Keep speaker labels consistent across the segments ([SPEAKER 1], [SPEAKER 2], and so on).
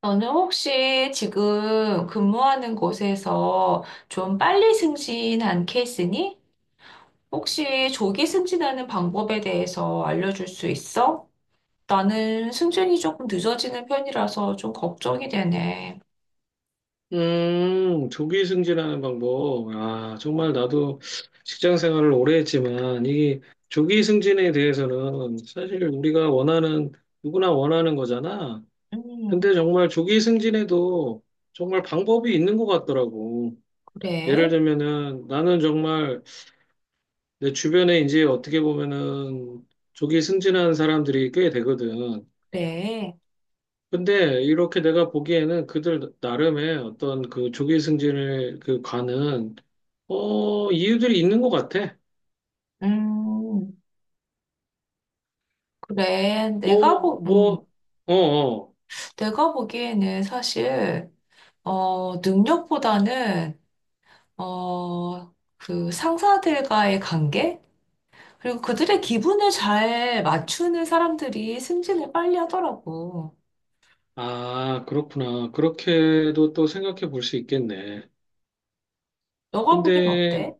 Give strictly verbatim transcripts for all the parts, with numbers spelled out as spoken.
[SPEAKER 1] 너는 혹시 지금 근무하는 곳에서 좀 빨리 승진한 케이스니? 혹시 조기 승진하는 방법에 대해서 알려줄 수 있어? 나는 승진이 조금 늦어지는 편이라서 좀 걱정이 되네.
[SPEAKER 2] 음, 조기 승진하는 방법. 아, 정말 나도 직장 생활을 오래 했지만, 이 조기 승진에 대해서는 사실 우리가 원하는, 누구나 원하는 거잖아.
[SPEAKER 1] 음,
[SPEAKER 2] 근데 정말 조기 승진에도 정말 방법이 있는 것 같더라고. 예를
[SPEAKER 1] 그래,
[SPEAKER 2] 들면은 나는 정말 내 주변에 이제 어떻게 보면은 조기 승진한 사람들이 꽤 되거든.
[SPEAKER 1] 그래.
[SPEAKER 2] 근데 이렇게 내가 보기에는 그들 나름의 어떤 그 조기 승진을 그 관은 어, 이유들이 있는 것 같아.
[SPEAKER 1] 음, 그래. 내가
[SPEAKER 2] 뭐,
[SPEAKER 1] 보, 음,
[SPEAKER 2] 뭐, 어, 어.
[SPEAKER 1] 내가 보기에는 사실, 어, 능력보다는, 어, 그 상사들과의 관계? 그리고 그들의 기분을 잘 맞추는 사람들이 승진을 빨리 하더라고.
[SPEAKER 2] 아, 그렇구나. 그렇게도 또 생각해 볼 수 있겠네.
[SPEAKER 1] 너가 보기엔
[SPEAKER 2] 근데,
[SPEAKER 1] 어때?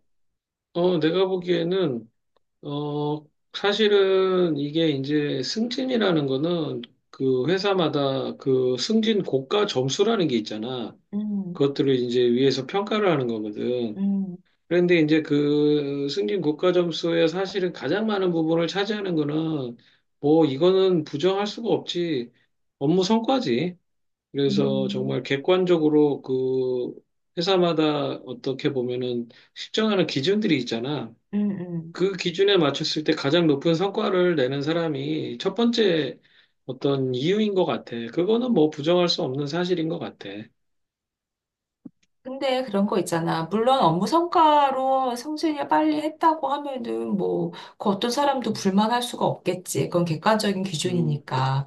[SPEAKER 2] 어, 내가 보기에는, 어, 사실은 이게 이제 승진이라는 거는 그 회사마다 그 승진 고가 점수라는 게 있잖아.
[SPEAKER 1] 음,
[SPEAKER 2] 그것들을 이제 위에서 평가를 하는 거거든.
[SPEAKER 1] 음,
[SPEAKER 2] 그런데 이제 그 승진 국가 점수에 사실은 가장 많은 부분을 차지하는 거는 뭐 이거는 부정할 수가 없지 업무 성과지. 그래서
[SPEAKER 1] 음,
[SPEAKER 2] 정말 객관적으로 그 회사마다 어떻게 보면은 측정하는 기준들이 있잖아.
[SPEAKER 1] 음, 음.
[SPEAKER 2] 그 기준에 맞췄을 때 가장 높은 성과를 내는 사람이 첫 번째 어떤 이유인 것 같아. 그거는 뭐 부정할 수 없는 사실인 것 같아.
[SPEAKER 1] 근데 그런 거 있잖아. 물론 업무 성과로 승진을 빨리 했다고 하면은 뭐, 그 어떤 사람도 불만할 수가 없겠지. 그건 객관적인
[SPEAKER 2] 음,
[SPEAKER 1] 기준이니까.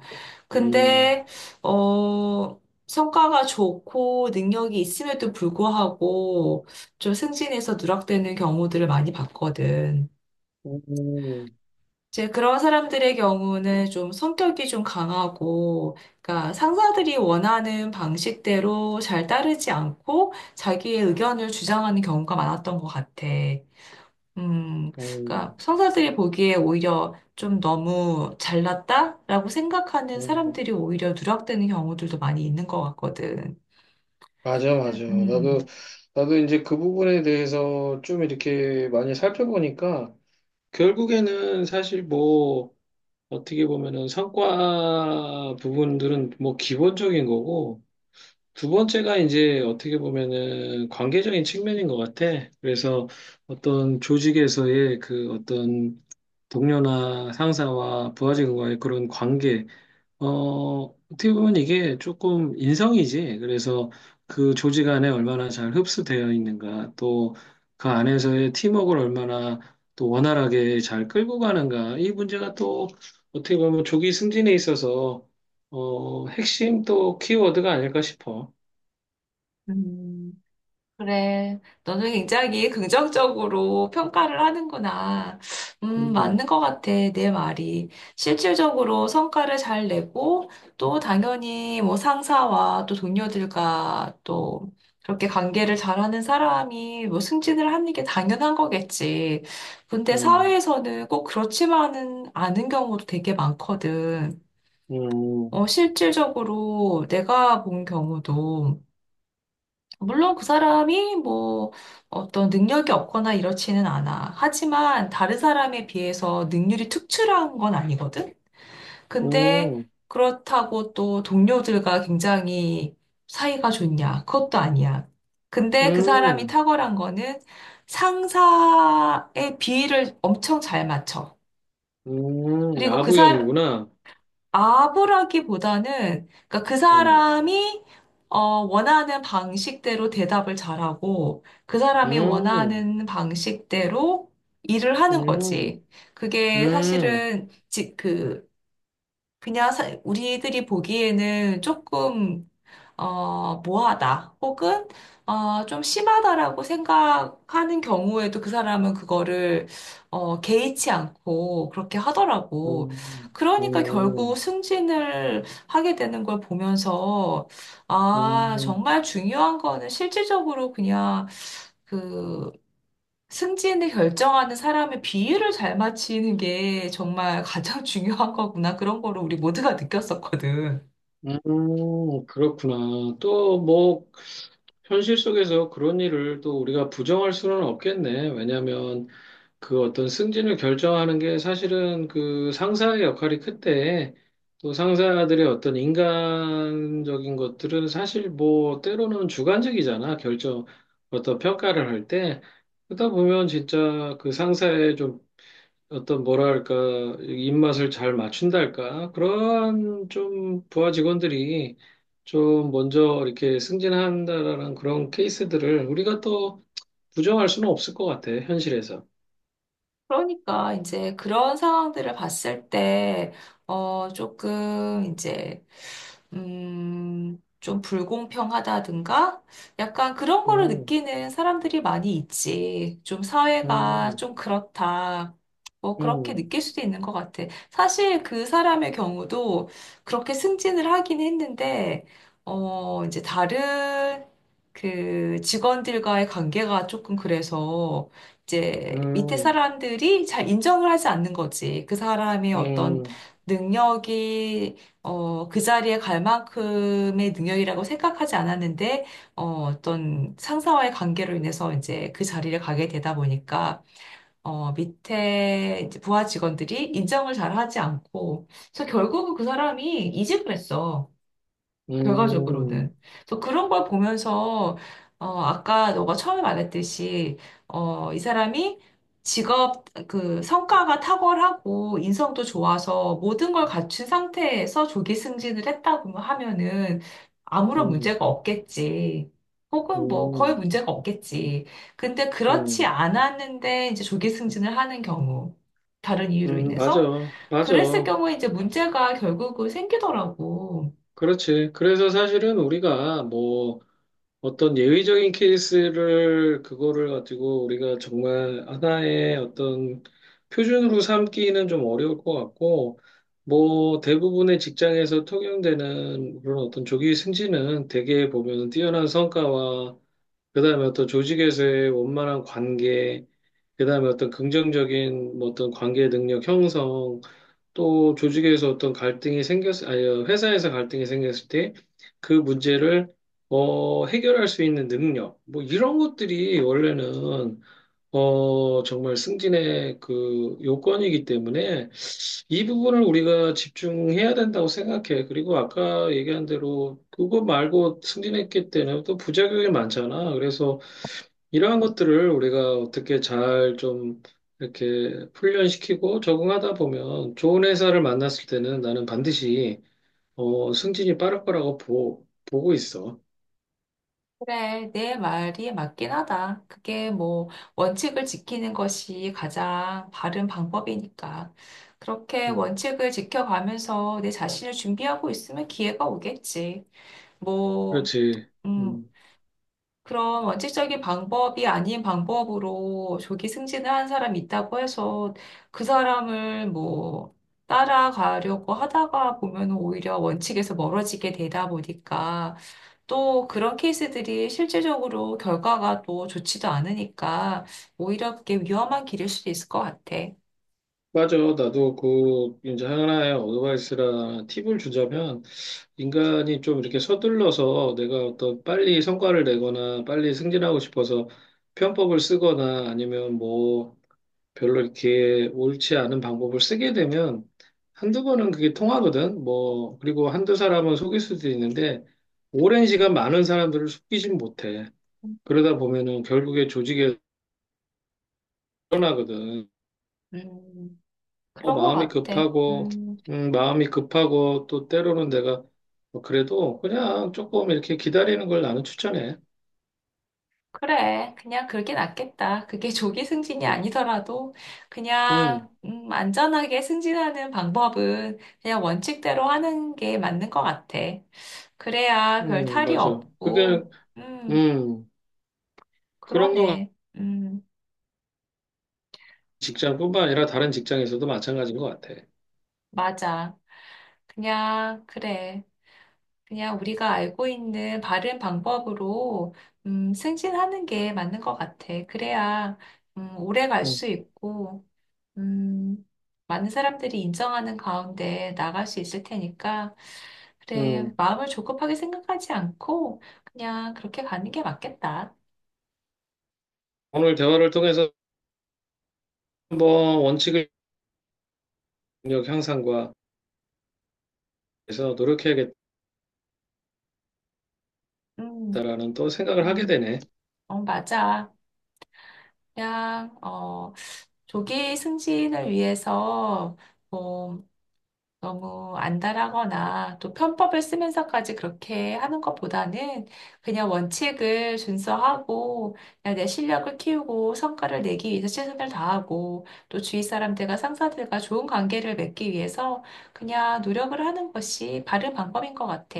[SPEAKER 2] 음.
[SPEAKER 1] 근데, 어, 성과가 좋고 능력이 있음에도 불구하고 좀 승진해서 누락되는 경우들을 많이 봤거든.
[SPEAKER 2] 오,
[SPEAKER 1] 이제 그런 사람들의 경우는 좀 성격이 좀 강하고, 그러니까 상사들이 원하는 방식대로 잘 따르지 않고 자기의 의견을 주장하는 경우가 많았던 것 같아. 음,
[SPEAKER 2] 오,
[SPEAKER 1] 그러니까 상사들이 보기에 오히려 좀 너무 잘났다라고 생각하는
[SPEAKER 2] 오.
[SPEAKER 1] 사람들이 오히려 누락되는 경우들도 많이 있는 것 같거든.
[SPEAKER 2] 맞아,
[SPEAKER 1] 그래,
[SPEAKER 2] 맞아. 나도,
[SPEAKER 1] 음.
[SPEAKER 2] 나도 이제 그 부분에 대해서 좀 이렇게 많이 살펴보니까 결국에는 사실 뭐 어떻게 보면은 성과 부분들은 뭐 기본적인 거고 두 번째가 이제 어떻게 보면은 관계적인 측면인 것 같아. 그래서 어떤 조직에서의 그 어떤 동료나 상사와 부하직원과의 그런 관계 어, 어떻게 보면 이게 조금 인성이지. 그래서 그 조직 안에 얼마나 잘 흡수되어 있는가, 또 그 안에서의 팀워크를 얼마나 또 원활하게 잘 끌고 가는가, 이 문제가 또 어떻게 보면 조기 승진에 있어서 어, 핵심 또 키워드가 아닐까 싶어.
[SPEAKER 1] 음. 그래. 너는 굉장히 긍정적으로 평가를 하는구나. 음,
[SPEAKER 2] 음,
[SPEAKER 1] 맞는 것 같아, 내 말이. 실질적으로 성과를 잘 내고, 또 당연히 뭐 상사와 또 동료들과 또 그렇게 관계를 잘하는 사람이 뭐 승진을 하는 게 당연한 거겠지. 근데
[SPEAKER 2] 음,
[SPEAKER 1] 사회에서는 꼭 그렇지만은 않은 경우도 되게 많거든.
[SPEAKER 2] 음,
[SPEAKER 1] 어, 실질적으로 내가 본 경우도 물론 그 사람이 뭐 어떤 능력이 없거나 이렇지는 않아. 하지만 다른 사람에 비해서 능률이 특출한 건 아니거든? 근데
[SPEAKER 2] 음,
[SPEAKER 1] 그렇다고 또 동료들과 굉장히 사이가 좋냐? 그것도 아니야. 근데 그 사람이
[SPEAKER 2] 음,
[SPEAKER 1] 탁월한 거는 상사의 비위를 엄청 잘 맞춰.
[SPEAKER 2] 음,
[SPEAKER 1] 그리고 그사
[SPEAKER 2] 아부형이구나.
[SPEAKER 1] 아부라기보다는 그러니까 그
[SPEAKER 2] 음,
[SPEAKER 1] 사람이 어, 원하는 방식대로 대답을 잘하고 그 사람이
[SPEAKER 2] 음,
[SPEAKER 1] 원하는 방식대로 일을
[SPEAKER 2] 음,
[SPEAKER 1] 하는 거지.
[SPEAKER 2] 음.
[SPEAKER 1] 그게
[SPEAKER 2] 음.
[SPEAKER 1] 사실은 지, 그 그냥 사- 우리들이 보기에는 조금 어, 뭐하다 혹은 어, 좀 심하다라고 생각하는 경우에도 그 사람은 그거를 어, 개의치 않고 그렇게 하더라고.
[SPEAKER 2] 음,
[SPEAKER 1] 그러니까 결국
[SPEAKER 2] 음,
[SPEAKER 1] 승진을 하게 되는 걸 보면서 아,
[SPEAKER 2] 음,
[SPEAKER 1] 정말 중요한 거는 실질적으로 그냥 그 승진을 결정하는 사람의 비율을 잘 맞추는 게 정말 가장 중요한 거구나. 그런 거를 우리 모두가 느꼈었거든.
[SPEAKER 2] 음, 음, 그렇구나. 또 뭐, 현실 속에서 그런 일을 또 우리가 부정할 수는 없겠네. 왜냐하면 그 어떤 승진을 결정하는 게 사실은 그 상사의 역할이 큰데 또 상사들의 어떤 인간적인 것들은 사실 뭐, 때로는 주관적이잖아. 결정, 어떤 평가를 할 때. 그러다 보면 진짜 그 상사의 좀 어떤 뭐랄까 입맛을 잘 맞춘달까 그런 좀 부하 직원들이 좀 먼저 이렇게 승진한다라는 그런 케이스들을 우리가 또 부정할 수는 없을 것 같아 현실에서.
[SPEAKER 1] 그러니까 이제 그런 상황들을 봤을 때, 어, 조금 이제, 음, 좀 불공평하다든가 약간 그런 거를
[SPEAKER 2] 음,
[SPEAKER 1] 느끼는 사람들이 많이 있지. 좀 사회가
[SPEAKER 2] 음,
[SPEAKER 1] 좀 그렇다. 뭐 그렇게
[SPEAKER 2] 음,
[SPEAKER 1] 느낄 수도 있는 것 같아. 사실 그 사람의 경우도 그렇게 승진을 하긴 했는데, 어, 이제 다른 그 직원들과의 관계가 조금 그래서 이제 밑에
[SPEAKER 2] 음,
[SPEAKER 1] 사람들이 잘 인정을 하지 않는 거지. 그 사람의 어떤
[SPEAKER 2] 음,
[SPEAKER 1] 능력이 어, 그 자리에 갈 만큼의 능력이라고 생각하지 않았는데 어, 어떤 상사와의 관계로 인해서 이제 그 자리를 가게 되다 보니까 어, 밑에 이제 부하 직원들이 인정을 잘 하지 않고 그래서 결국은 그 사람이 이직을 했어.
[SPEAKER 2] 음,
[SPEAKER 1] 결과적으로는. 그래서 그런 걸 보면서, 어, 아까 너가 처음에 말했듯이, 어, 이 사람이 직업, 그, 성과가 탁월하고 인성도 좋아서 모든 걸 갖춘 상태에서 조기 승진을 했다고 하면은 아무런
[SPEAKER 2] 음,
[SPEAKER 1] 문제가 없겠지. 혹은 뭐 거의
[SPEAKER 2] 음,
[SPEAKER 1] 문제가 없겠지. 근데 그렇지
[SPEAKER 2] 음,
[SPEAKER 1] 않았는데 이제 조기 승진을 하는 경우, 다른 이유로
[SPEAKER 2] 음, 맞아,
[SPEAKER 1] 인해서. 그랬을
[SPEAKER 2] 맞아.
[SPEAKER 1] 경우에 이제 문제가 결국은 생기더라고.
[SPEAKER 2] 그렇지. 그래서 사실은 우리가 뭐 어떤 예외적인 케이스를 그거를 가지고 우리가 정말 하나의 어떤 표준으로 삼기는 좀 어려울 것 같고, 뭐 대부분의 직장에서 통용되는 그런 어떤 조기 승진은 대개 보면 뛰어난 성과와 그다음에 어떤 조직에서의 원만한 관계, 그다음에 어떤 긍정적인 뭐 어떤 관계 능력 형성 또 조직에서 어떤 갈등이 생겼, 아니, 회사에서 갈등이 생겼을 때 그 문제를 어, 해결할 수 있는 능력, 뭐 이런 것들이 원래는 어, 정말 승진의 그 요건이기 때문에 이 부분을 우리가 집중해야 된다고 생각해. 그리고 아까 얘기한 대로 그거 말고 승진했기 때문에 또 부작용이 많잖아. 그래서 이러한 것들을 우리가 어떻게 잘 좀 이렇게 훈련시키고 적응하다 보면 좋은 회사를 만났을 때는 나는 반드시 어, 승진이 빠를 거라고 보, 보고 있어.
[SPEAKER 1] 그래, 내 말이 맞긴 하다. 그게 뭐 원칙을 지키는 것이 가장 바른 방법이니까. 그렇게
[SPEAKER 2] 음,
[SPEAKER 1] 원칙을 지켜가면서 내 자신을 준비하고 있으면 기회가 오겠지. 뭐,
[SPEAKER 2] 그렇지.
[SPEAKER 1] 음,
[SPEAKER 2] 음,
[SPEAKER 1] 그런 원칙적인 방법이 아닌 방법으로 조기 승진을 한 사람이 있다고 해서 그 사람을 뭐 따라가려고 하다가 보면 오히려 원칙에서 멀어지게 되다 보니까 또 그런 케이스들이 실질적으로 결과가 또 좋지도 않으니까 오히려 그게 위험한 길일 수도 있을 것 같아.
[SPEAKER 2] 맞아. 나도 그 이제 하나의 어드바이스라 팁을 주자면 인간이 좀 이렇게 서둘러서 내가 어떤 빨리 성과를 내거나 빨리 승진하고 싶어서 편법을 쓰거나 아니면 뭐 별로 이렇게 옳지 않은 방법을 쓰게 되면 한두 번은 그게 통하거든. 뭐, 그리고 한두 사람은 속일 수도 있는데 오랜 시간 많은 사람들을 속이진 못해. 그러다 보면은 결국에 조직에 드러나거든.
[SPEAKER 1] 음,
[SPEAKER 2] 어,
[SPEAKER 1] 그런 것
[SPEAKER 2] 마음이
[SPEAKER 1] 같아.
[SPEAKER 2] 급하고,
[SPEAKER 1] 음,
[SPEAKER 2] 음, 마음이 급하고 또 때로는 내가 뭐 그래도 그냥 조금 이렇게 기다리는 걸 나는 추천해.
[SPEAKER 1] 그래. 그냥 그게 낫겠다. 그게 조기 승진이
[SPEAKER 2] 음,
[SPEAKER 1] 아니더라도
[SPEAKER 2] 음,
[SPEAKER 1] 그냥, 음, 안전하게 승진하는 방법은 그냥 원칙대로 하는 게 맞는 것 같아. 그래야 별
[SPEAKER 2] 음,
[SPEAKER 1] 탈이
[SPEAKER 2] 맞아. 그게,
[SPEAKER 1] 없고, 음,
[SPEAKER 2] 음, 그런 거
[SPEAKER 1] 그러네. 음,
[SPEAKER 2] 직장뿐만 아니라 다른 직장에서도 마찬가지인 것 같아.
[SPEAKER 1] 맞아. 그냥, 그래. 그냥 우리가 알고 있는 바른 방법으로 음, 승진하는 게 맞는 것 같아. 그래야 음, 오래 갈
[SPEAKER 2] 음,
[SPEAKER 1] 수 있고 음, 많은 사람들이 인정하는 가운데 나갈 수 있을 테니까 그래,
[SPEAKER 2] 음.
[SPEAKER 1] 마음을 조급하게 생각하지 않고 그냥 그렇게 가는 게 맞겠다.
[SPEAKER 2] 오늘 대화를 통해서 한번 원칙을 능력 향상과 해서 노력해야겠다라는
[SPEAKER 1] 음,
[SPEAKER 2] 또 생각을 하게
[SPEAKER 1] 음,
[SPEAKER 2] 되네.
[SPEAKER 1] 어, 맞아. 그냥 어, 조기 승진을 위해서 뭐 너무 안달하거나 또 편법을 쓰면서까지 그렇게 하는 것보다는 그냥 원칙을 준수하고 그냥 내 실력을 키우고 성과를 내기 위해서 최선을 다하고 또 주위 사람들과 상사들과 좋은 관계를 맺기 위해서 그냥 노력을 하는 것이 바른 방법인 것 같아.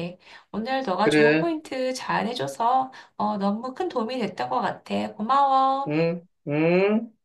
[SPEAKER 1] 오늘 너가 좋은
[SPEAKER 2] 그래,
[SPEAKER 1] 포인트 잘 해줘서 어, 너무 큰 도움이 됐던 것 같아. 고마워.
[SPEAKER 2] 응, 응.